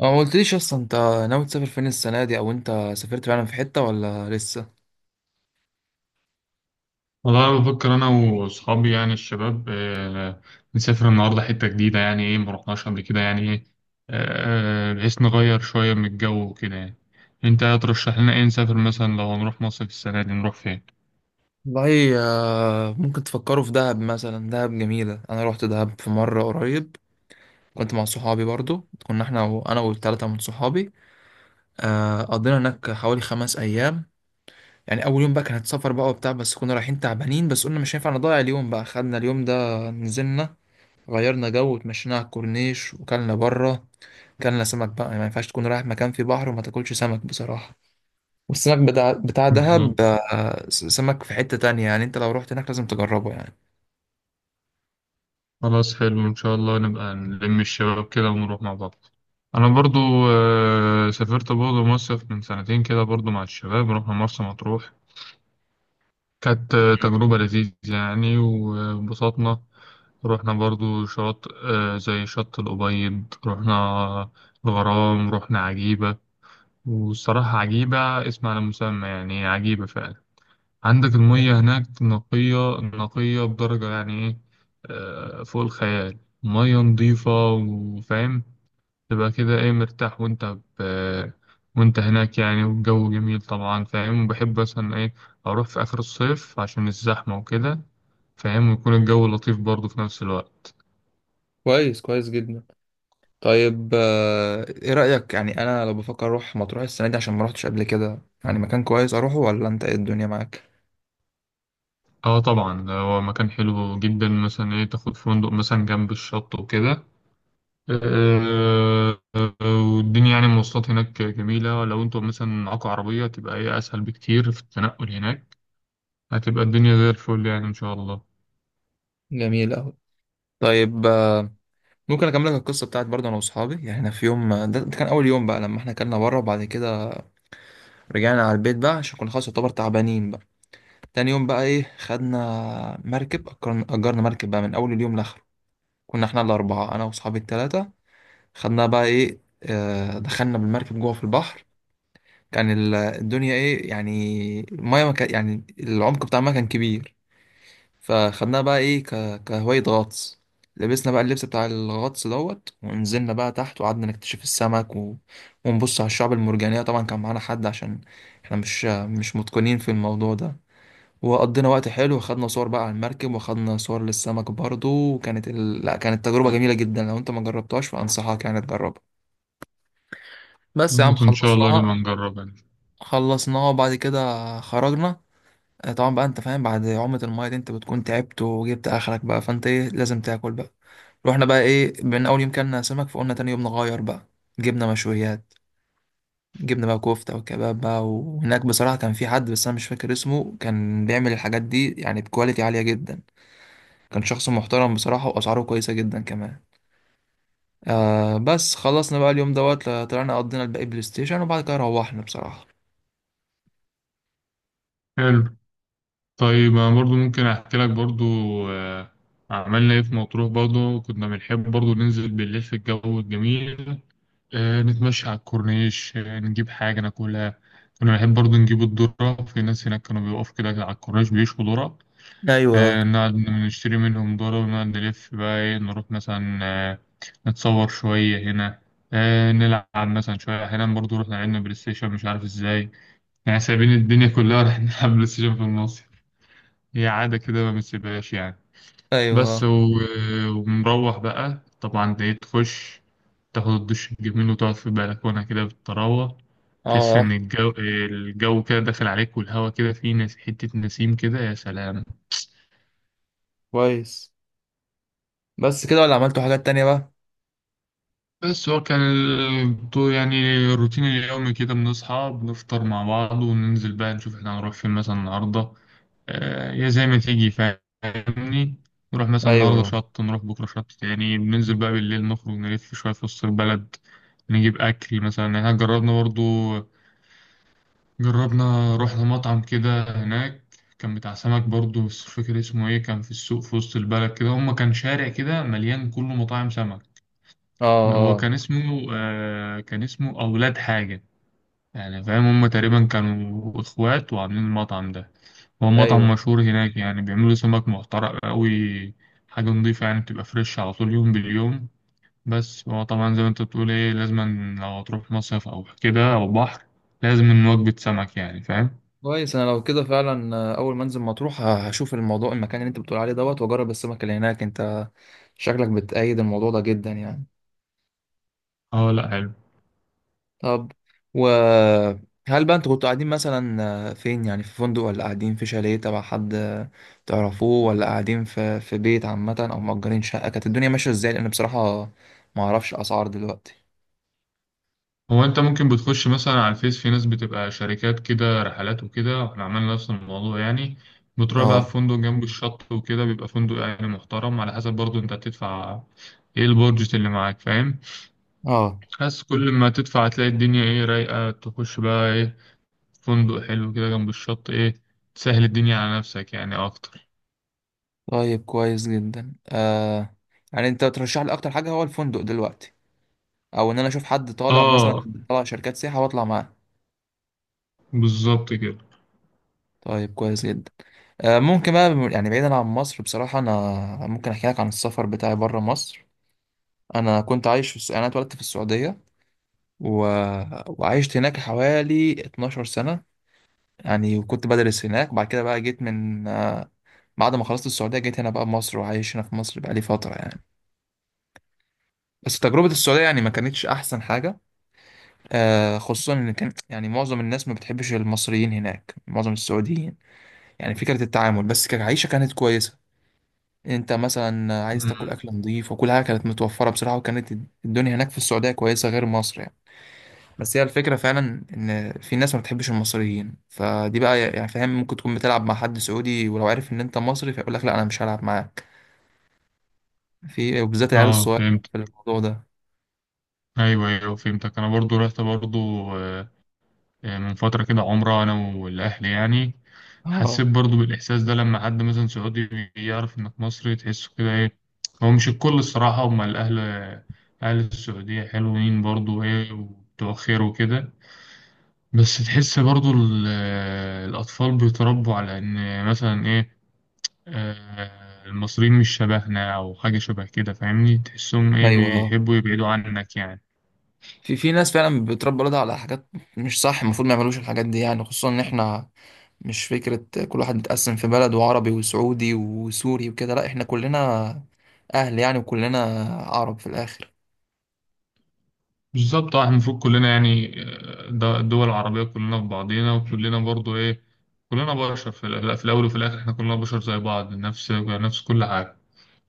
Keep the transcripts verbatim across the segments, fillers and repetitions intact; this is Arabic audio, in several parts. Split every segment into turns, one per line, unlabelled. أه، ما قلتليش اصلا انت ناوي تسافر فين السنه دي، او انت سافرت فعلا في حته ولا لسه؟
والله أنا بفكر أنا وأصحابي يعني الشباب، آه، نسافر النهاردة حتة جديدة يعني إيه مرحناش قبل كده يعني إيه. آه، آه، بحيث نغير شوية من الجو وكده يعني. أنت هترشح لنا إيه نسافر مثلا؟ لو هنروح مصيف السنة دي نروح فين؟
والله، آه، ممكن تفكروا في دهب مثلا. دهب جميله. انا روحت دهب في مره قريب. كنت مع صحابي برضو. كنا احنا وانا والثلاثه من صحابي. آه، قضينا هناك حوالي خمس ايام. يعني اول يوم بقى كانت سفر بقى وبتاع، بس كنا رايحين تعبانين، بس قلنا مش هينفع نضيع اليوم بقى، خدنا اليوم ده نزلنا غيرنا جو وتمشينا على الكورنيش وكلنا بره. كلنا سمك بقى. يعني ما ينفعش تكون رايح مكان فيه بحر وما تاكلش سمك بصراحه. والسمك بتاع بتاع دهب
بالظبط.
آه، س- سمك في حتة تانية. يعني انت لو رحت هناك لازم تجربه يعني.
خلاص حلو، إن شاء الله نبقى نلم الشباب كده ونروح مع بعض. أنا برضو آه، سافرت برضو مصيف من سنتين كده برضو مع الشباب، رحنا مرسى مطروح. كانت آه، تجربة لذيذة يعني وانبسطنا. رحنا برضو شاطئ آه، زي شط الأبيض رحنا، الغرام رحنا، عجيبة. والصراحة عجيبة، اسم على مسمى يعني، عجيبة فعلا. عندك
مم.
المية هناك نقية نقية بدرجة يعني إيه، آه، فوق الخيال. مية نظيفة وفاهم، تبقى كده إيه مرتاح. وأنت ب... وأنت هناك يعني والجو جميل طبعا فاهم. وبحب مثلا إيه أروح في آخر الصيف عشان الزحمة وكده، فاهم، ويكون الجو لطيف برضه في نفس الوقت.
كويس كويس جدا. طيب، آه، ايه رأيك؟ يعني انا لو بفكر اروح مطروح السنة دي عشان ما روحتش قبل كده، يعني مكان كويس اروحه ولا انت ايه الدنيا معاك؟
اه طبعا، ده هو مكان حلو جدا. مثلا ايه تاخد فندق مثلا جنب الشط وكده. آه، آه، والدنيا يعني المواصلات هناك جميلة. لو انتوا مثلا معاكوا عربية تبقى ايه اسهل بكتير في التنقل هناك. هتبقى الدنيا زي الفل يعني ان شاء الله.
جميل أوي. طيب، آه، ممكن اكمل لك القصة بتاعت برضه انا واصحابي؟ يعني احنا في يوم، آه، ده ده كان اول يوم بقى لما احنا كلنا بره، وبعد كده رجعنا على البيت بقى عشان كنا خلاص يعتبر تعبانين بقى. تاني يوم بقى ايه، خدنا مركب. أجرنا أجرنا مركب بقى من اول اليوم لاخره. كنا احنا الأربعة، أنا وأصحابي التلاتة. خدنا بقى إيه، آه، دخلنا بالمركب جوه في البحر. كان ال- الدنيا إيه يعني، المية ما كان، يعني العمق بتاع المية كان كبير. فخدناها بقى إيه، ك- كهواية غطس. لبسنا بقى اللبس بتاع الغطس دوت، ونزلنا بقى تحت وقعدنا نكتشف السمك، و... ونبص على الشعب المرجانية. طبعا كان معانا حد عشان احنا مش مش متقنين في الموضوع ده. وقضينا وقت حلو وخدنا صور بقى على المركب، وخدنا صور للسمك برضو. وكانت ال... لا، كانت تجربة جميلة جدا. لو انت ما جربتهاش فأنصحك يعني تجربها. بس يا عم
خلاص، ان شاء الله
خلصناها.
نبقى نجرب يعني.
خلصناها وبعد كده خرجنا. آه، طبعا بقى انت فاهم، بعد عومة المايه دي انت بتكون تعبت وجبت اخرك بقى، فانت ايه، لازم تاكل بقى. رحنا بقى ايه، من اول يوم كلنا سمك، فقلنا تاني يوم نغير بقى. جبنا مشويات. جبنا بقى كفتة وكباب بقى. وهناك بصراحة كان في حد، بس أنا مش فاكر اسمه، كان بيعمل الحاجات دي يعني بكواليتي عالية جدا. كان شخص محترم بصراحة وأسعاره كويسة جدا كمان. آه بس خلصنا بقى اليوم دوت. طلعنا قضينا الباقي بلاي ستيشن، وبعد كده روحنا بصراحة.
حلو. طيب انا برضو ممكن احكي لك برضو آه، عملنا ايه في مطروح. برضو كنا بنحب برضو ننزل بالليل في الجو الجميل، آه، نتمشى على الكورنيش، آه، نجيب حاجة ناكلها. كنا بنحب برضو نجيب الذرة. في ناس هناك كانوا بيقفوا كده على الكورنيش بيشوا ذرة،
ايوه.
آه، نقعد نشتري منهم ذرة، ونقعد نلف بقى ايه، نروح مثلا آه، نتصور شوية هنا، آه، نلعب مثلا شوية. أحيانا برضو رحنا لعبنا بلاي ستيشن، مش عارف ازاي يعني، سايبين الدنيا كلها رايحين نلعب بلاي ستيشن في النص. هي عادة كده ما بنسيبهاش يعني. بس
أيوه.
و... ونروح بقى طبعا دي، تخش تاخد الدش الجميل وتقعد في البلكونة كده بالطراوة، تحس إن
اه.
الجو الجو كده داخل عليك، والهوا كده فيه نس... حتة نسيم كده، يا سلام.
كويس. بس كده ولا عملتوا حاجات تانية بقى؟
بس هو كان ال- طو- يعني الروتين اليومي كده بنصحى بنفطر مع بعض وننزل بقى نشوف احنا هنروح فين مثلا النهاردة. آه، يا زي ما تيجي فاهمني، نروح مثلا النهاردة
ايوه.
شط، نروح بكرة شط تاني. بننزل بقى بالليل نخرج نلف شوية في وسط البلد، نجيب أكل مثلا. يعني احنا جربنا برضو، جربنا رحنا مطعم كده هناك كان بتاع سمك برضو، بس مش فاكر اسمه ايه. كان في السوق في وسط البلد كده، هما كان شارع كده مليان كله مطاعم سمك.
اه.
هو
اه.
كان اسمه آه، كان اسمه أولاد حاجة، يعني فاهم هم تقريبا كانوا إخوات وعاملين المطعم ده. هو مطعم
ايوه.
مشهور هناك يعني، بيعملوا سمك محترق أوي، حاجة نضيفة يعني، بتبقى فريش على طول يوم باليوم. بس هو طبعا زي ما انت بتقول ايه، لازم لو هتروح مصيف أو كده أو بحر، لازم وجبة سمك يعني فاهم.
كويس. أنا لو كده فعلا، آه، أول ما أنزل مطروح آه، هشوف الموضوع. المكان اللي أنت بتقول عليه دوت، وأجرب السمك اللي هناك. أنت شكلك بتأيد الموضوع ده جدا يعني.
اه لا حلو.
طب، وهل بقى انتوا كنتوا قاعدين مثلا آه، فين؟ يعني في فندق، ولا قاعدين في شاليه تبع حد آه، تعرفوه، ولا قاعدين في في بيت عامة، او مأجرين شقة؟ كانت الدنيا ماشية ازاي؟ لان بصراحة ما اعرفش الاسعار دلوقتي.
هو انت ممكن بتخش مثلا على الفيس، في ناس بتبقى شركات كده رحلات وكده، واحنا عملنا نفس الموضوع يعني. بتروح بقى
اه.
في فندق جنب الشط وكده، بيبقى فندق يعني محترم على حسب برضو انت هتدفع ايه، البادجت اللي معاك فاهم.
اه.
بس كل ما تدفع هتلاقي الدنيا ايه رايقة، تخش بقى ايه فندق حلو كده جنب الشط ايه، تسهل الدنيا على نفسك يعني اكتر.
طيب كويس جدا. آه، يعني انت ترشح لي اكتر حاجة هو الفندق دلوقتي، او ان انا اشوف حد طالع مثلا
اه
طالع شركات سياحة واطلع معاه؟
بالظبط كده.
طيب كويس جدا. آه ممكن بقى يعني بعيدا عن مصر، بصراحة انا ممكن احكي لك عن السفر بتاعي بره مصر. انا كنت عايش في الس... انا اتولدت في السعوديه، و... وعشت هناك حوالي اتناشر سنه يعني. وكنت بدرس هناك. بعد كده بقى جيت من، آه، بعد ما خلصت السعوديه جيت هنا بقى مصر. وعايش هنا في مصر بقى لي فتره يعني. بس تجربه السعوديه يعني ما كانتش احسن حاجه. آه، خصوصا ان كان يعني معظم الناس ما بتحبش المصريين هناك، معظم السعوديين يعني. فكره التعامل، بس كعيشه كانت كويسه. انت مثلا عايز تاكل
مم.
اكل نظيف، وكل حاجه كانت متوفره بصراحه. وكانت الدنيا هناك في السعوديه كويسه غير مصر يعني. بس هي الفكرة فعلا إن في ناس ما بتحبش المصريين. فدي بقى يعني فاهم، ممكن تكون بتلعب مع حد سعودي ولو عارف إن أنت مصري فيقول لك لا أنا مش هلعب معاك. في، وبالذات العيال
اه
الصغير،
فهمت.
في الموضوع ده.
ايوه ايوه فهمتك. انا برضو رحت برضو آه، آه، من فترة كده عمرة، أنا والأهل يعني.
اه.
حسيت برضو بالإحساس ده، لما حد مثلا سعودي يعرف إنك مصري تحسه كده إيه. هو مش الكل الصراحة، هما الأهل أهل السعودية حلوين برضو إيه وبتوع خير وكده، بس تحس برضو ال- الأطفال بيتربوا على إن مثلا إيه، آه، المصريين مش شبهنا أو حاجة شبه كده فاهمني، تحسهم إيه
أيوه. اه.
بيحبوا يبعدوا عنك يعني.
في في ناس فعلا بتربي ولادها على حاجات مش صح. المفروض ما يعملوش الحاجات دي يعني. خصوصا إن إحنا مش فكرة كل واحد متقسم في بلد، وعربي وسعودي وسوري وكده. لا، إحنا كلنا أهل يعني، وكلنا عرب في الآخر.
بالظبط اه، احنا المفروض كلنا يعني آه، ده الدول العربية كلنا في بعضينا، وكلنا برضو ايه كلنا بشر في الأ- في الأول وفي الآخر احنا كلنا بشر زي بعض، نفس نفس كل حاجة،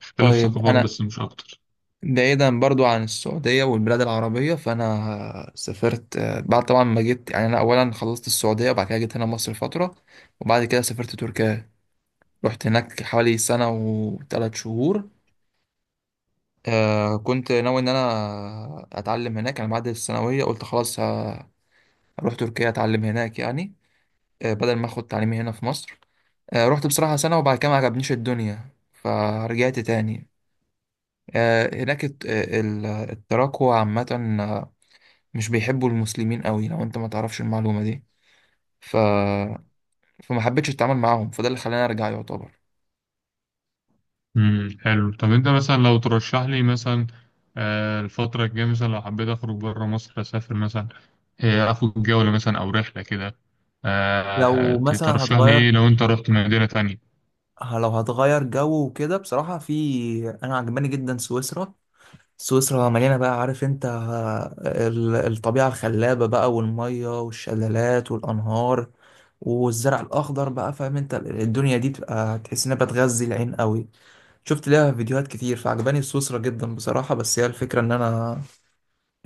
اختلاف
طيب
ثقافات
أنا،
بس مش أكتر.
بعيدا برضو عن السعودية والبلاد العربية، فأنا سافرت آه، بعد طبعا ما جيت يعني. أنا أولا خلصت السعودية وبعد كده جيت هنا مصر فترة، وبعد كده سافرت تركيا. رحت هناك حوالي سنة وثلاث شهور. آه، كنت ناوي إن أنا أتعلم هناك يعني. بعد الثانوية قلت خلاص، ه- هروح تركيا أتعلم هناك يعني، آه، بدل ما أخد تعليمي هنا في مصر. آه، رحت بصراحة سنة، وبعد كده ما عجبنيش الدنيا فرجعت تاني. آه، هناك الت- آه، ال- التراكوة عامة مش بيحبوا المسلمين قوي، لو انت ما تعرفش المعلومة دي. ف... فما حبيتش اتعامل معاهم، فده اللي خلاني ارجع يعتبر.
امم حلو. طب أنت مثلا لو ترشح لي مثلا آه، الفترة الجاية، مثلا لو حبيت أخرج بره مصر أسافر مثلا، آه، أخد جولة مثلا أو رحلة كده، آه،
لو مثلا
ترشح لي
هتغير،
إيه لو أنت رحت مدينة تانية؟
ه- لو هتغير جو وكده، بصراحة في، أنا عجباني جدا سويسرا. سويسرا مليانة بقى، عارف أنت، آه، ال- الطبيعة الخلابة بقى، والمية والشلالات والأنهار، والزرع الأخضر بقى. فاهم أنت ال- الدنيا دي بتبقى تحس إنها بتغذي العين قوي. شفت ليها فيديوهات كتير فعجباني سويسرا جدا بصراحة. بس هي الفكرة إن أنا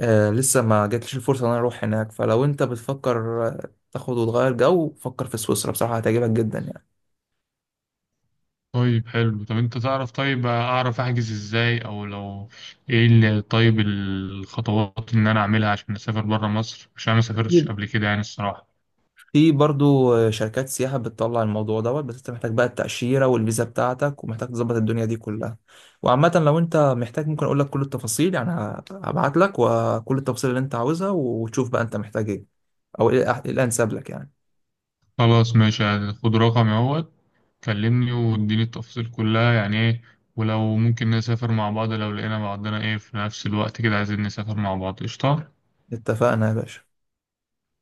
آه، لسه ما جاتليش الفرصة ان انا اروح هناك. فلو انت بتفكر آه، تاخد وتغير جو، فكر في سويسرا بصراحة، هتعجبك جدا يعني.
طيب حلو. طب انت تعرف، طيب اعرف احجز ازاي، او لو ايه اللي، طيب الخطوات ان انا اعملها عشان اسافر برا مصر، عشان انا ما سافرتش
أكيد.
قبل كده يعني الصراحة.
في برضو آه، شركات سياحة بتطلع الموضوع دوت. بس انت محتاج بقى التأشيرة والفيزا بتاعتك، ومحتاج تظبط الدنيا دي كلها. وعامة لو انت محتاج ممكن اقول لك كل التفاصيل يعني. ه- هبعت لك وكل التفاصيل اللي انت عاوزها، وتشوف بقى انت محتاج ايه، او ايه الأح- الانسب لك يعني.
خلاص ماشي، خد رقمي اهوت، كلمني واديني التفاصيل كلها يعني ايه، ولو ممكن نسافر مع بعض لو لقينا بعضنا ايه في نفس الوقت كده، عايزين نسافر مع بعض. قشطة.
اتفقنا يا باشا.